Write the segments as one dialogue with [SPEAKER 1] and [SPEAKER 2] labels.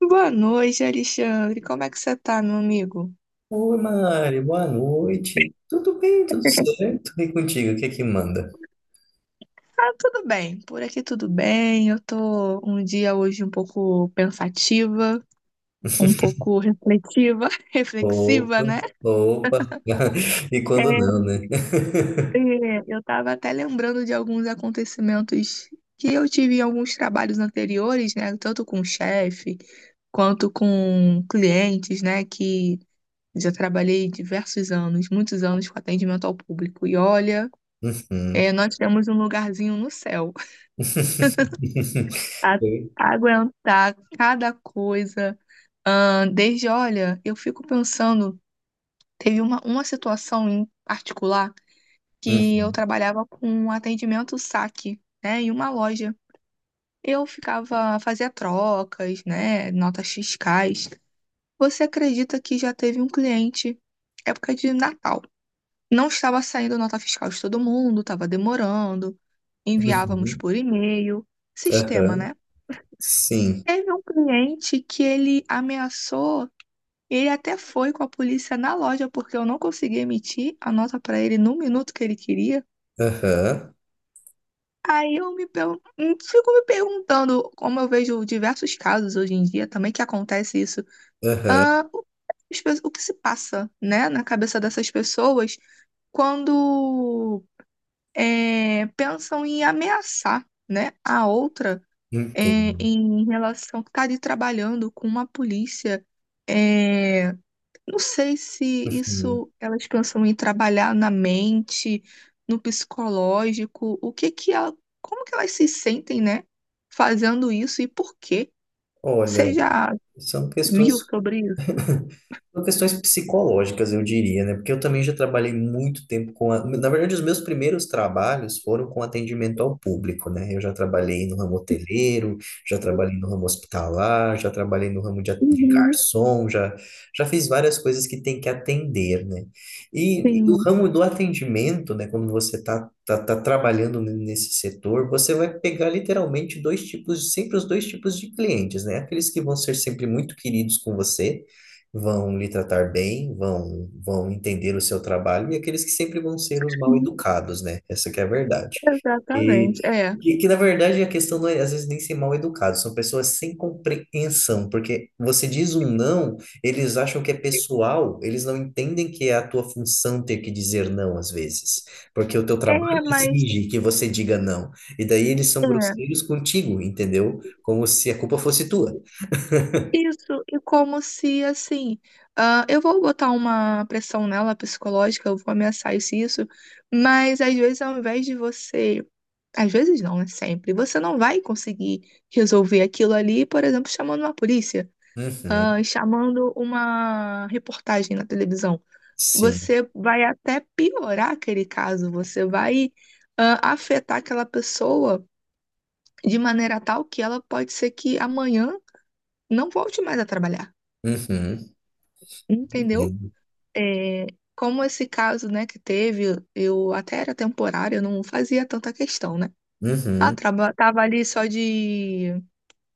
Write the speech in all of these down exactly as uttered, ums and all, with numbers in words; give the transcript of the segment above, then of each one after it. [SPEAKER 1] Boa noite, Alexandre. Como é que você tá, meu amigo?
[SPEAKER 2] Oi, Mari, boa noite. Tudo bem, tudo certo? E contigo, o que é que manda?
[SPEAKER 1] Ah, tudo bem. Por aqui tudo bem. Eu tô um dia hoje um pouco pensativa, um pouco reflexiva, reflexiva,
[SPEAKER 2] Opa,
[SPEAKER 1] né?
[SPEAKER 2] opa. E quando
[SPEAKER 1] É,
[SPEAKER 2] não, né?
[SPEAKER 1] é, eu tava até lembrando de alguns acontecimentos que eu tive em alguns trabalhos anteriores, né? Tanto com chefe quanto com clientes, né? Que já trabalhei diversos anos, muitos anos com atendimento ao público. E olha,
[SPEAKER 2] Uhum.
[SPEAKER 1] é, nós temos um lugarzinho no céu. a-
[SPEAKER 2] Oi?
[SPEAKER 1] Aguentar cada coisa. Ahn, desde, olha, eu fico pensando, teve uma, uma situação em particular que eu
[SPEAKER 2] Uhum.
[SPEAKER 1] trabalhava com um atendimento saque, né, em uma loja. Eu ficava, fazia trocas, né, notas fiscais. Você acredita que já teve um cliente, época de Natal, não estava saindo nota fiscal de todo mundo, estava demorando, enviávamos
[SPEAKER 2] Uhum.
[SPEAKER 1] por e-mail, sistema,
[SPEAKER 2] Aham.
[SPEAKER 1] né?
[SPEAKER 2] Sim.
[SPEAKER 1] Teve um cliente que ele ameaçou, ele até foi com a polícia na loja, porque eu não consegui emitir a nota para ele no minuto que ele queria.
[SPEAKER 2] Aham.
[SPEAKER 1] Aí eu me pergun- Fico me perguntando, como eu vejo diversos casos hoje em dia também que acontece isso,
[SPEAKER 2] Aham.
[SPEAKER 1] ah, o as pe- o que se passa, né, na cabeça dessas pessoas quando é, pensam em ameaçar, né, a outra é,
[SPEAKER 2] Entendo.
[SPEAKER 1] em relação que está ali trabalhando com uma polícia. É, não sei se
[SPEAKER 2] Uhum.
[SPEAKER 1] isso elas pensam em trabalhar na mente, no psicológico, o que que ela, como que elas se sentem, né, fazendo isso e por quê? Você
[SPEAKER 2] Olha,
[SPEAKER 1] já
[SPEAKER 2] são
[SPEAKER 1] viu
[SPEAKER 2] questões
[SPEAKER 1] sobre isso?
[SPEAKER 2] são questões psicológicas, eu diria, né? Porque eu também já trabalhei muito tempo com a... Na verdade, os meus primeiros trabalhos foram com atendimento ao público, né? Eu já trabalhei no ramo hoteleiro, já trabalhei no ramo hospitalar, já trabalhei no ramo de, a- de
[SPEAKER 1] Uhum,
[SPEAKER 2] garçom, já, já fiz várias coisas que tem que atender, né? E, e o
[SPEAKER 1] sim,
[SPEAKER 2] ramo do atendimento, né? Quando você tá, tá, tá trabalhando n- nesse setor, você vai pegar literalmente dois tipos, sempre os dois tipos de clientes, né? Aqueles que vão ser sempre muito queridos com você vão lhe tratar bem, vão, vão entender o seu trabalho, e aqueles que sempre vão ser os mal
[SPEAKER 1] sim,
[SPEAKER 2] educados, né? Essa que é a verdade. E
[SPEAKER 1] exatamente. É,
[SPEAKER 2] que, que, na verdade, a questão não é, às vezes, nem ser mal educado, são pessoas sem compreensão, porque você diz um não, eles acham que é pessoal, eles não entendem que é a tua função ter que dizer não, às vezes, porque o teu trabalho
[SPEAKER 1] é, mas
[SPEAKER 2] exige que você diga não, e daí eles são
[SPEAKER 1] é.
[SPEAKER 2] grosseiros contigo, entendeu? Como se a culpa fosse tua.
[SPEAKER 1] Isso, e como se assim, ah, eu vou botar uma pressão nela psicológica, eu vou ameaçar isso, e isso, mas às vezes ao invés de você, às vezes não, é sempre, você não vai conseguir resolver aquilo ali, por exemplo, chamando uma polícia, ah,
[SPEAKER 2] Uhum,
[SPEAKER 1] chamando uma reportagem na televisão.
[SPEAKER 2] sim.
[SPEAKER 1] Você vai até piorar aquele caso, você vai, Ah, afetar aquela pessoa de maneira tal que ela pode ser que amanhã não volte mais a trabalhar.
[SPEAKER 2] Uhum.
[SPEAKER 1] Entendeu? É, como esse caso, né, que teve, eu até era temporário, eu não fazia tanta questão, né? Ah,
[SPEAKER 2] Uhum,
[SPEAKER 1] traba- tava ali só de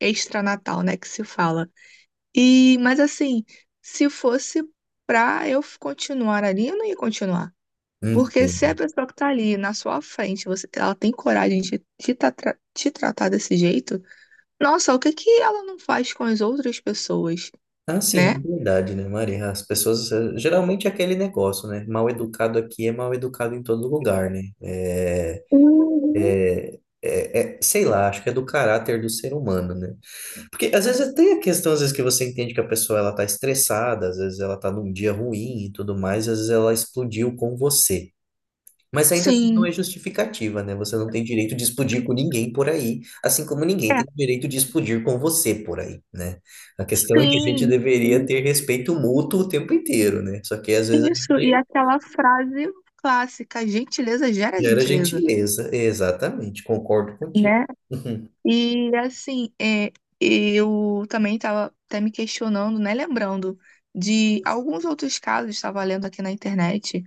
[SPEAKER 1] extra-natal, né, que se fala. E, mas assim, se fosse pra eu f- continuar ali, eu não ia continuar. Porque se a
[SPEAKER 2] entendo.
[SPEAKER 1] pessoa que tá ali na sua frente, você, ela tem coragem de te, tra- tra- te tratar desse jeito, nossa, o que que ela não faz com as outras pessoas,
[SPEAKER 2] Ah,
[SPEAKER 1] né?
[SPEAKER 2] sim, é verdade, né, Maria? As pessoas, eh, geralmente é aquele negócio, né? Mal educado aqui é mal educado em todo lugar, né? É,
[SPEAKER 1] Uhum.
[SPEAKER 2] é, é, é- sei lá, acho que é do caráter do ser humano, né? Porque às vezes tem a questão, às vezes que você entende que a pessoa ela tá estressada, às vezes ela tá num dia ruim e tudo mais, às vezes ela explodiu com você. Mas ainda assim não é
[SPEAKER 1] Sim.
[SPEAKER 2] justificativa, né? Você não tem direito de explodir com ninguém por aí, assim como ninguém
[SPEAKER 1] É,
[SPEAKER 2] tem direito de explodir com você por aí, né? A questão é que a gente
[SPEAKER 1] sim.
[SPEAKER 2] deveria ter respeito mútuo o tempo inteiro, né? Só que às vezes a
[SPEAKER 1] Isso, e
[SPEAKER 2] gente
[SPEAKER 1] aquela frase clássica, gentileza gera
[SPEAKER 2] gera
[SPEAKER 1] gentileza,
[SPEAKER 2] gentileza. Exatamente, concordo contigo.
[SPEAKER 1] né?
[SPEAKER 2] Uhum.
[SPEAKER 1] E assim, é, eu também estava até me questionando, né? Lembrando de alguns outros casos, estava lendo aqui na internet,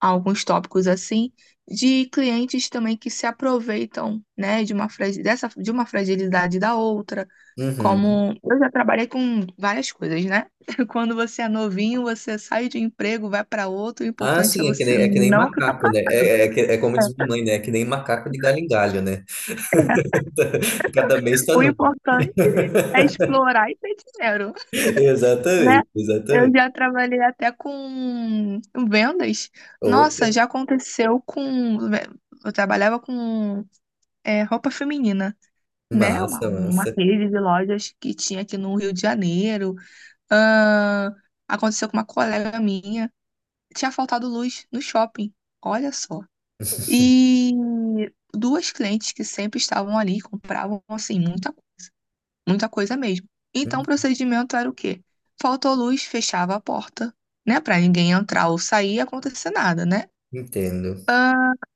[SPEAKER 1] alguns tópicos assim, de clientes também que se aproveitam, né, de uma, fragi- dessa, de uma fragilidade da outra.
[SPEAKER 2] Uhum.
[SPEAKER 1] Como eu já trabalhei com várias coisas, né? Quando você é novinho, você sai de um emprego, vai para outro, o
[SPEAKER 2] Ah,
[SPEAKER 1] importante é
[SPEAKER 2] sim, é que
[SPEAKER 1] você
[SPEAKER 2] nem, é que nem
[SPEAKER 1] não ficar
[SPEAKER 2] macaco, né?
[SPEAKER 1] parado.
[SPEAKER 2] É, é, é que- é como diz minha mãe, né? É que nem macaco de galho em galho, né? Cada mês tá
[SPEAKER 1] O
[SPEAKER 2] num.
[SPEAKER 1] importante é explorar e ter dinheiro, né?
[SPEAKER 2] Exatamente,
[SPEAKER 1] Eu
[SPEAKER 2] exatamente.
[SPEAKER 1] já trabalhei até com vendas.
[SPEAKER 2] Opa,
[SPEAKER 1] Nossa, já aconteceu com. Eu trabalhava com é, roupa feminina. Né? Uma,
[SPEAKER 2] massa,
[SPEAKER 1] uma
[SPEAKER 2] massa.
[SPEAKER 1] rede de lojas que tinha aqui no Rio de Janeiro. Ah, aconteceu com uma colega minha. Tinha faltado luz no shopping. Olha só. E duas clientes que sempre estavam ali, compravam assim, muita, muita coisa mesmo. Então o procedimento era o quê? Faltou luz, fechava a porta, né? Para ninguém entrar ou sair e acontecer nada, né?
[SPEAKER 2] Entendo.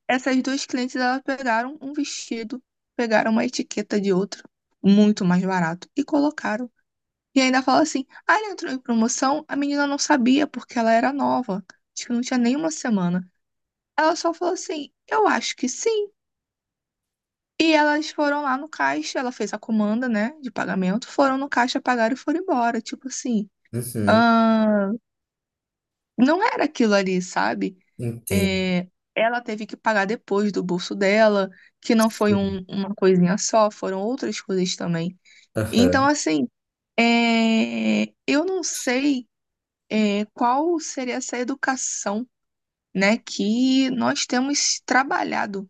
[SPEAKER 1] Essas duas clientes, elas pegaram um vestido, pegaram uma etiqueta de outro, muito mais barato, e colocaram. E ainda fala assim: ah, ele entrou em promoção, a menina não sabia porque ela era nova, acho que não tinha nenhuma semana. Ela só falou assim: eu acho que sim. E elas foram lá no caixa, ela fez a comanda, né, de pagamento, foram no caixa, pagaram e foram embora. Tipo assim,
[SPEAKER 2] Uhum,
[SPEAKER 1] ah, não era aquilo ali, sabe?
[SPEAKER 2] entendo.
[SPEAKER 1] É, ela teve que pagar depois do bolso dela, que não foi
[SPEAKER 2] Sim.
[SPEAKER 1] um- uma coisinha só, foram outras coisas também. Então,
[SPEAKER 2] Aham.
[SPEAKER 1] assim, é, eu não sei é, qual seria essa educação, né, que nós temos trabalhado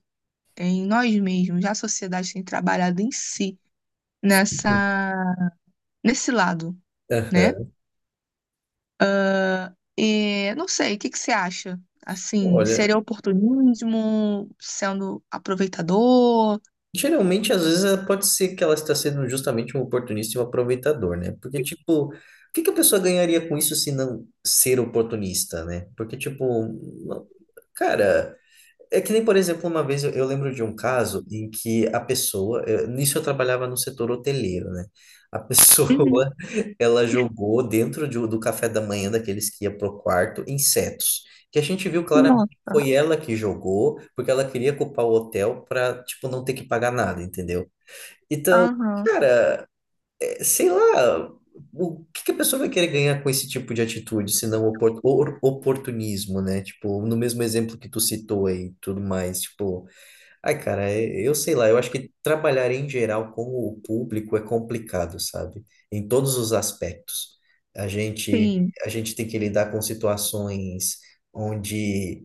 [SPEAKER 1] em nós mesmos, a sociedade tem trabalhado em si nessa nesse lado, né?
[SPEAKER 2] Aham.
[SPEAKER 1] E, não sei, o que que você acha? Assim,
[SPEAKER 2] Olha,
[SPEAKER 1] seria oportunismo, sendo aproveitador?
[SPEAKER 2] geralmente às vezes eh, pode ser que ela está sendo justamente um oportunista e um aproveitador, né? Porque, tipo, o que que a pessoa ganharia com isso se não ser oportunista, né? Porque, tipo, não- cara. É que nem, por exemplo, uma vez eu, eu lembro de um caso em que a pessoa, eu- nisso eu trabalhava no setor hoteleiro, né? A
[SPEAKER 1] Uhum.
[SPEAKER 2] pessoa, ela jogou dentro de, um- do café da manhã daqueles que ia pro quarto insetos, que a gente viu claramente que
[SPEAKER 1] Nossa.
[SPEAKER 2] foi ela que jogou, porque ela queria culpar o hotel para, tipo, não ter que pagar nada, entendeu? Então,
[SPEAKER 1] Aham,
[SPEAKER 2] cara, sei lá, o que que a pessoa vai querer ganhar com esse tipo de atitude, se não opor- or- oportunismo, né? Tipo, no mesmo exemplo que tu citou aí, e tudo mais, tipo, ai, cara, é- eu sei lá, eu acho que trabalhar em geral com o público é complicado, sabe? Em todos os aspectos. A gente,
[SPEAKER 1] sim.
[SPEAKER 2] a gente tem que lidar com situações onde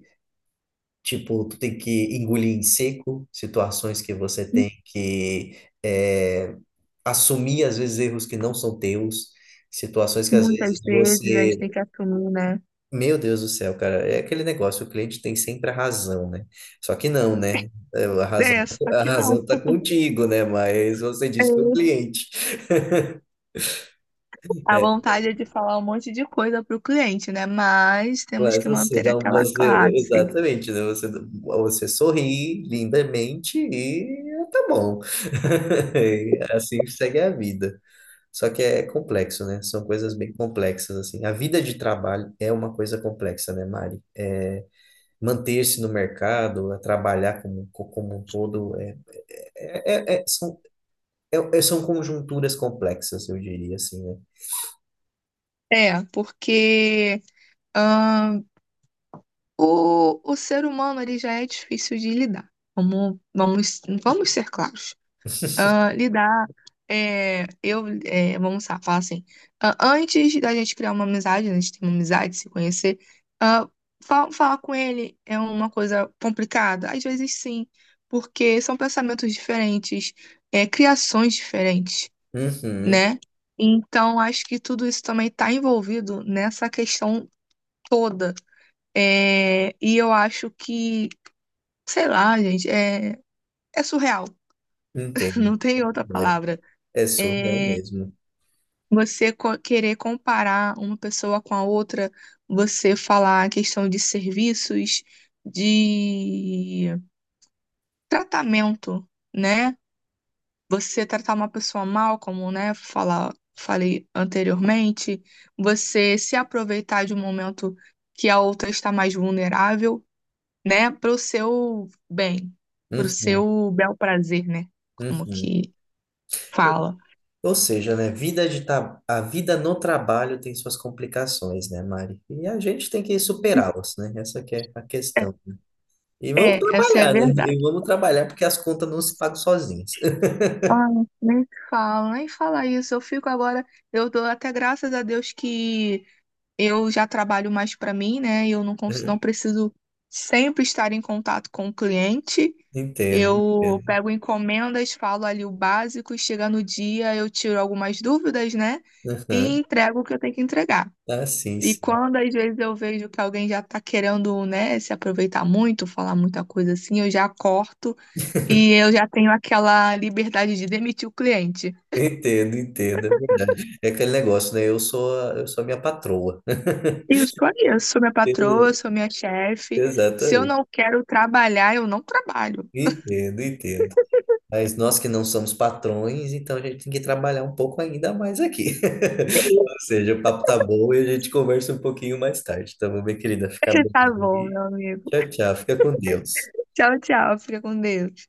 [SPEAKER 2] tipo, tu tem que engolir em seco situações que você tem que é, assumir, às vezes, erros que não são teus, situações que, às vezes,
[SPEAKER 1] Muitas vezes a gente tem
[SPEAKER 2] você...
[SPEAKER 1] que assumir, né?
[SPEAKER 2] Meu Deus do céu, cara, é aquele negócio, o cliente tem sempre a razão, né? Só que não, né? É, A razão,
[SPEAKER 1] É, só
[SPEAKER 2] a
[SPEAKER 1] que não.
[SPEAKER 2] razão tá contigo, né? Mas você
[SPEAKER 1] É,
[SPEAKER 2] diz que é o cliente.
[SPEAKER 1] a vontade é de falar um monte de coisa para o cliente, né? Mas temos
[SPEAKER 2] Mas
[SPEAKER 1] que
[SPEAKER 2] você
[SPEAKER 1] manter
[SPEAKER 2] dá um,
[SPEAKER 1] aquela
[SPEAKER 2] você,
[SPEAKER 1] classe.
[SPEAKER 2] exatamente, né? Você, você sorri lindamente e tá bom. E assim segue a vida. Só que é complexo, né? São coisas bem complexas, assim. A vida de trabalho é uma coisa complexa, né, Mari? É, manter-se no mercado, é trabalhar como, co- como um todo, é, é, é- é- são, é- é- são conjunturas complexas, eu diria, assim, né?
[SPEAKER 1] É, porque ahn, o, o ser humano ele já é difícil de lidar. Vamos, vamos, vamos ser claros. Ah, lidar, é, eu, é, vamos lá, falar assim, ah, antes da gente criar uma amizade, né, a gente ter uma amizade, se conhecer, ah, fa- falar com ele é uma coisa complicada? Às vezes sim, porque são pensamentos diferentes, é, criações diferentes,
[SPEAKER 2] Uhum,
[SPEAKER 1] né? Então, acho que tudo isso também está envolvido nessa questão toda. É, e eu acho que, sei lá, gente, é, é surreal,
[SPEAKER 2] entendo.
[SPEAKER 1] não tem outra palavra.
[SPEAKER 2] É surreal
[SPEAKER 1] É,
[SPEAKER 2] mesmo.
[SPEAKER 1] Você co- querer comparar uma pessoa com a outra, você falar a questão de serviços, de tratamento, né? Você tratar uma pessoa mal, como, né, falar, falei anteriormente, você se aproveitar de um momento que a outra está mais vulnerável, né, para o seu bem, para o
[SPEAKER 2] Uhum,
[SPEAKER 1] seu bel prazer, né? Como
[SPEAKER 2] uhum.
[SPEAKER 1] que fala.
[SPEAKER 2] Ou seja, né, vida de tra- a vida no trabalho tem suas complicações, né, Mari? E a gente tem que superá-las, né? Essa que é a
[SPEAKER 1] É,
[SPEAKER 2] questão. E vamos
[SPEAKER 1] é, essa é a
[SPEAKER 2] trabalhar, né? E
[SPEAKER 1] verdade.
[SPEAKER 2] vamos trabalhar porque as contas não se pagam sozinhas.
[SPEAKER 1] Ah, nem fala, nem fala isso. Eu fico agora, eu dou até graças a Deus que eu já trabalho mais para mim, né? Eu não, cons- Não preciso sempre estar em contato com o cliente.
[SPEAKER 2] Entendo,
[SPEAKER 1] Eu
[SPEAKER 2] entendo.
[SPEAKER 1] pego encomendas, falo ali o básico, e chega no dia, eu tiro algumas dúvidas, né? E
[SPEAKER 2] Aham.
[SPEAKER 1] entrego o que eu tenho que entregar.
[SPEAKER 2] Ah, sim,
[SPEAKER 1] E
[SPEAKER 2] sim.
[SPEAKER 1] quando às vezes eu vejo que alguém já tá querendo, né, se aproveitar muito, falar muita coisa assim, eu já corto e eu já tenho aquela liberdade de demitir o cliente.
[SPEAKER 2] Entendo, entendo. É verdade. É aquele negócio, né? Eu sou, a- eu sou a minha patroa.
[SPEAKER 1] Isso aí, eu sou minha patroa, eu
[SPEAKER 2] Ex-
[SPEAKER 1] sou minha chefe. Se eu
[SPEAKER 2] Exatamente.
[SPEAKER 1] não quero trabalhar, eu não trabalho.
[SPEAKER 2] Entendo, entendo. Mas nós que não somos patrões, então a gente tem que trabalhar um pouco ainda mais aqui. Ou seja, o papo tá bom e a gente conversa um pouquinho mais tarde, tá bom, minha querida? Fica bem
[SPEAKER 1] Tá bom,
[SPEAKER 2] aí.
[SPEAKER 1] meu amigo.
[SPEAKER 2] Tchau, tchau. Fica com Deus.
[SPEAKER 1] Tchau, tchau. Fica com Deus.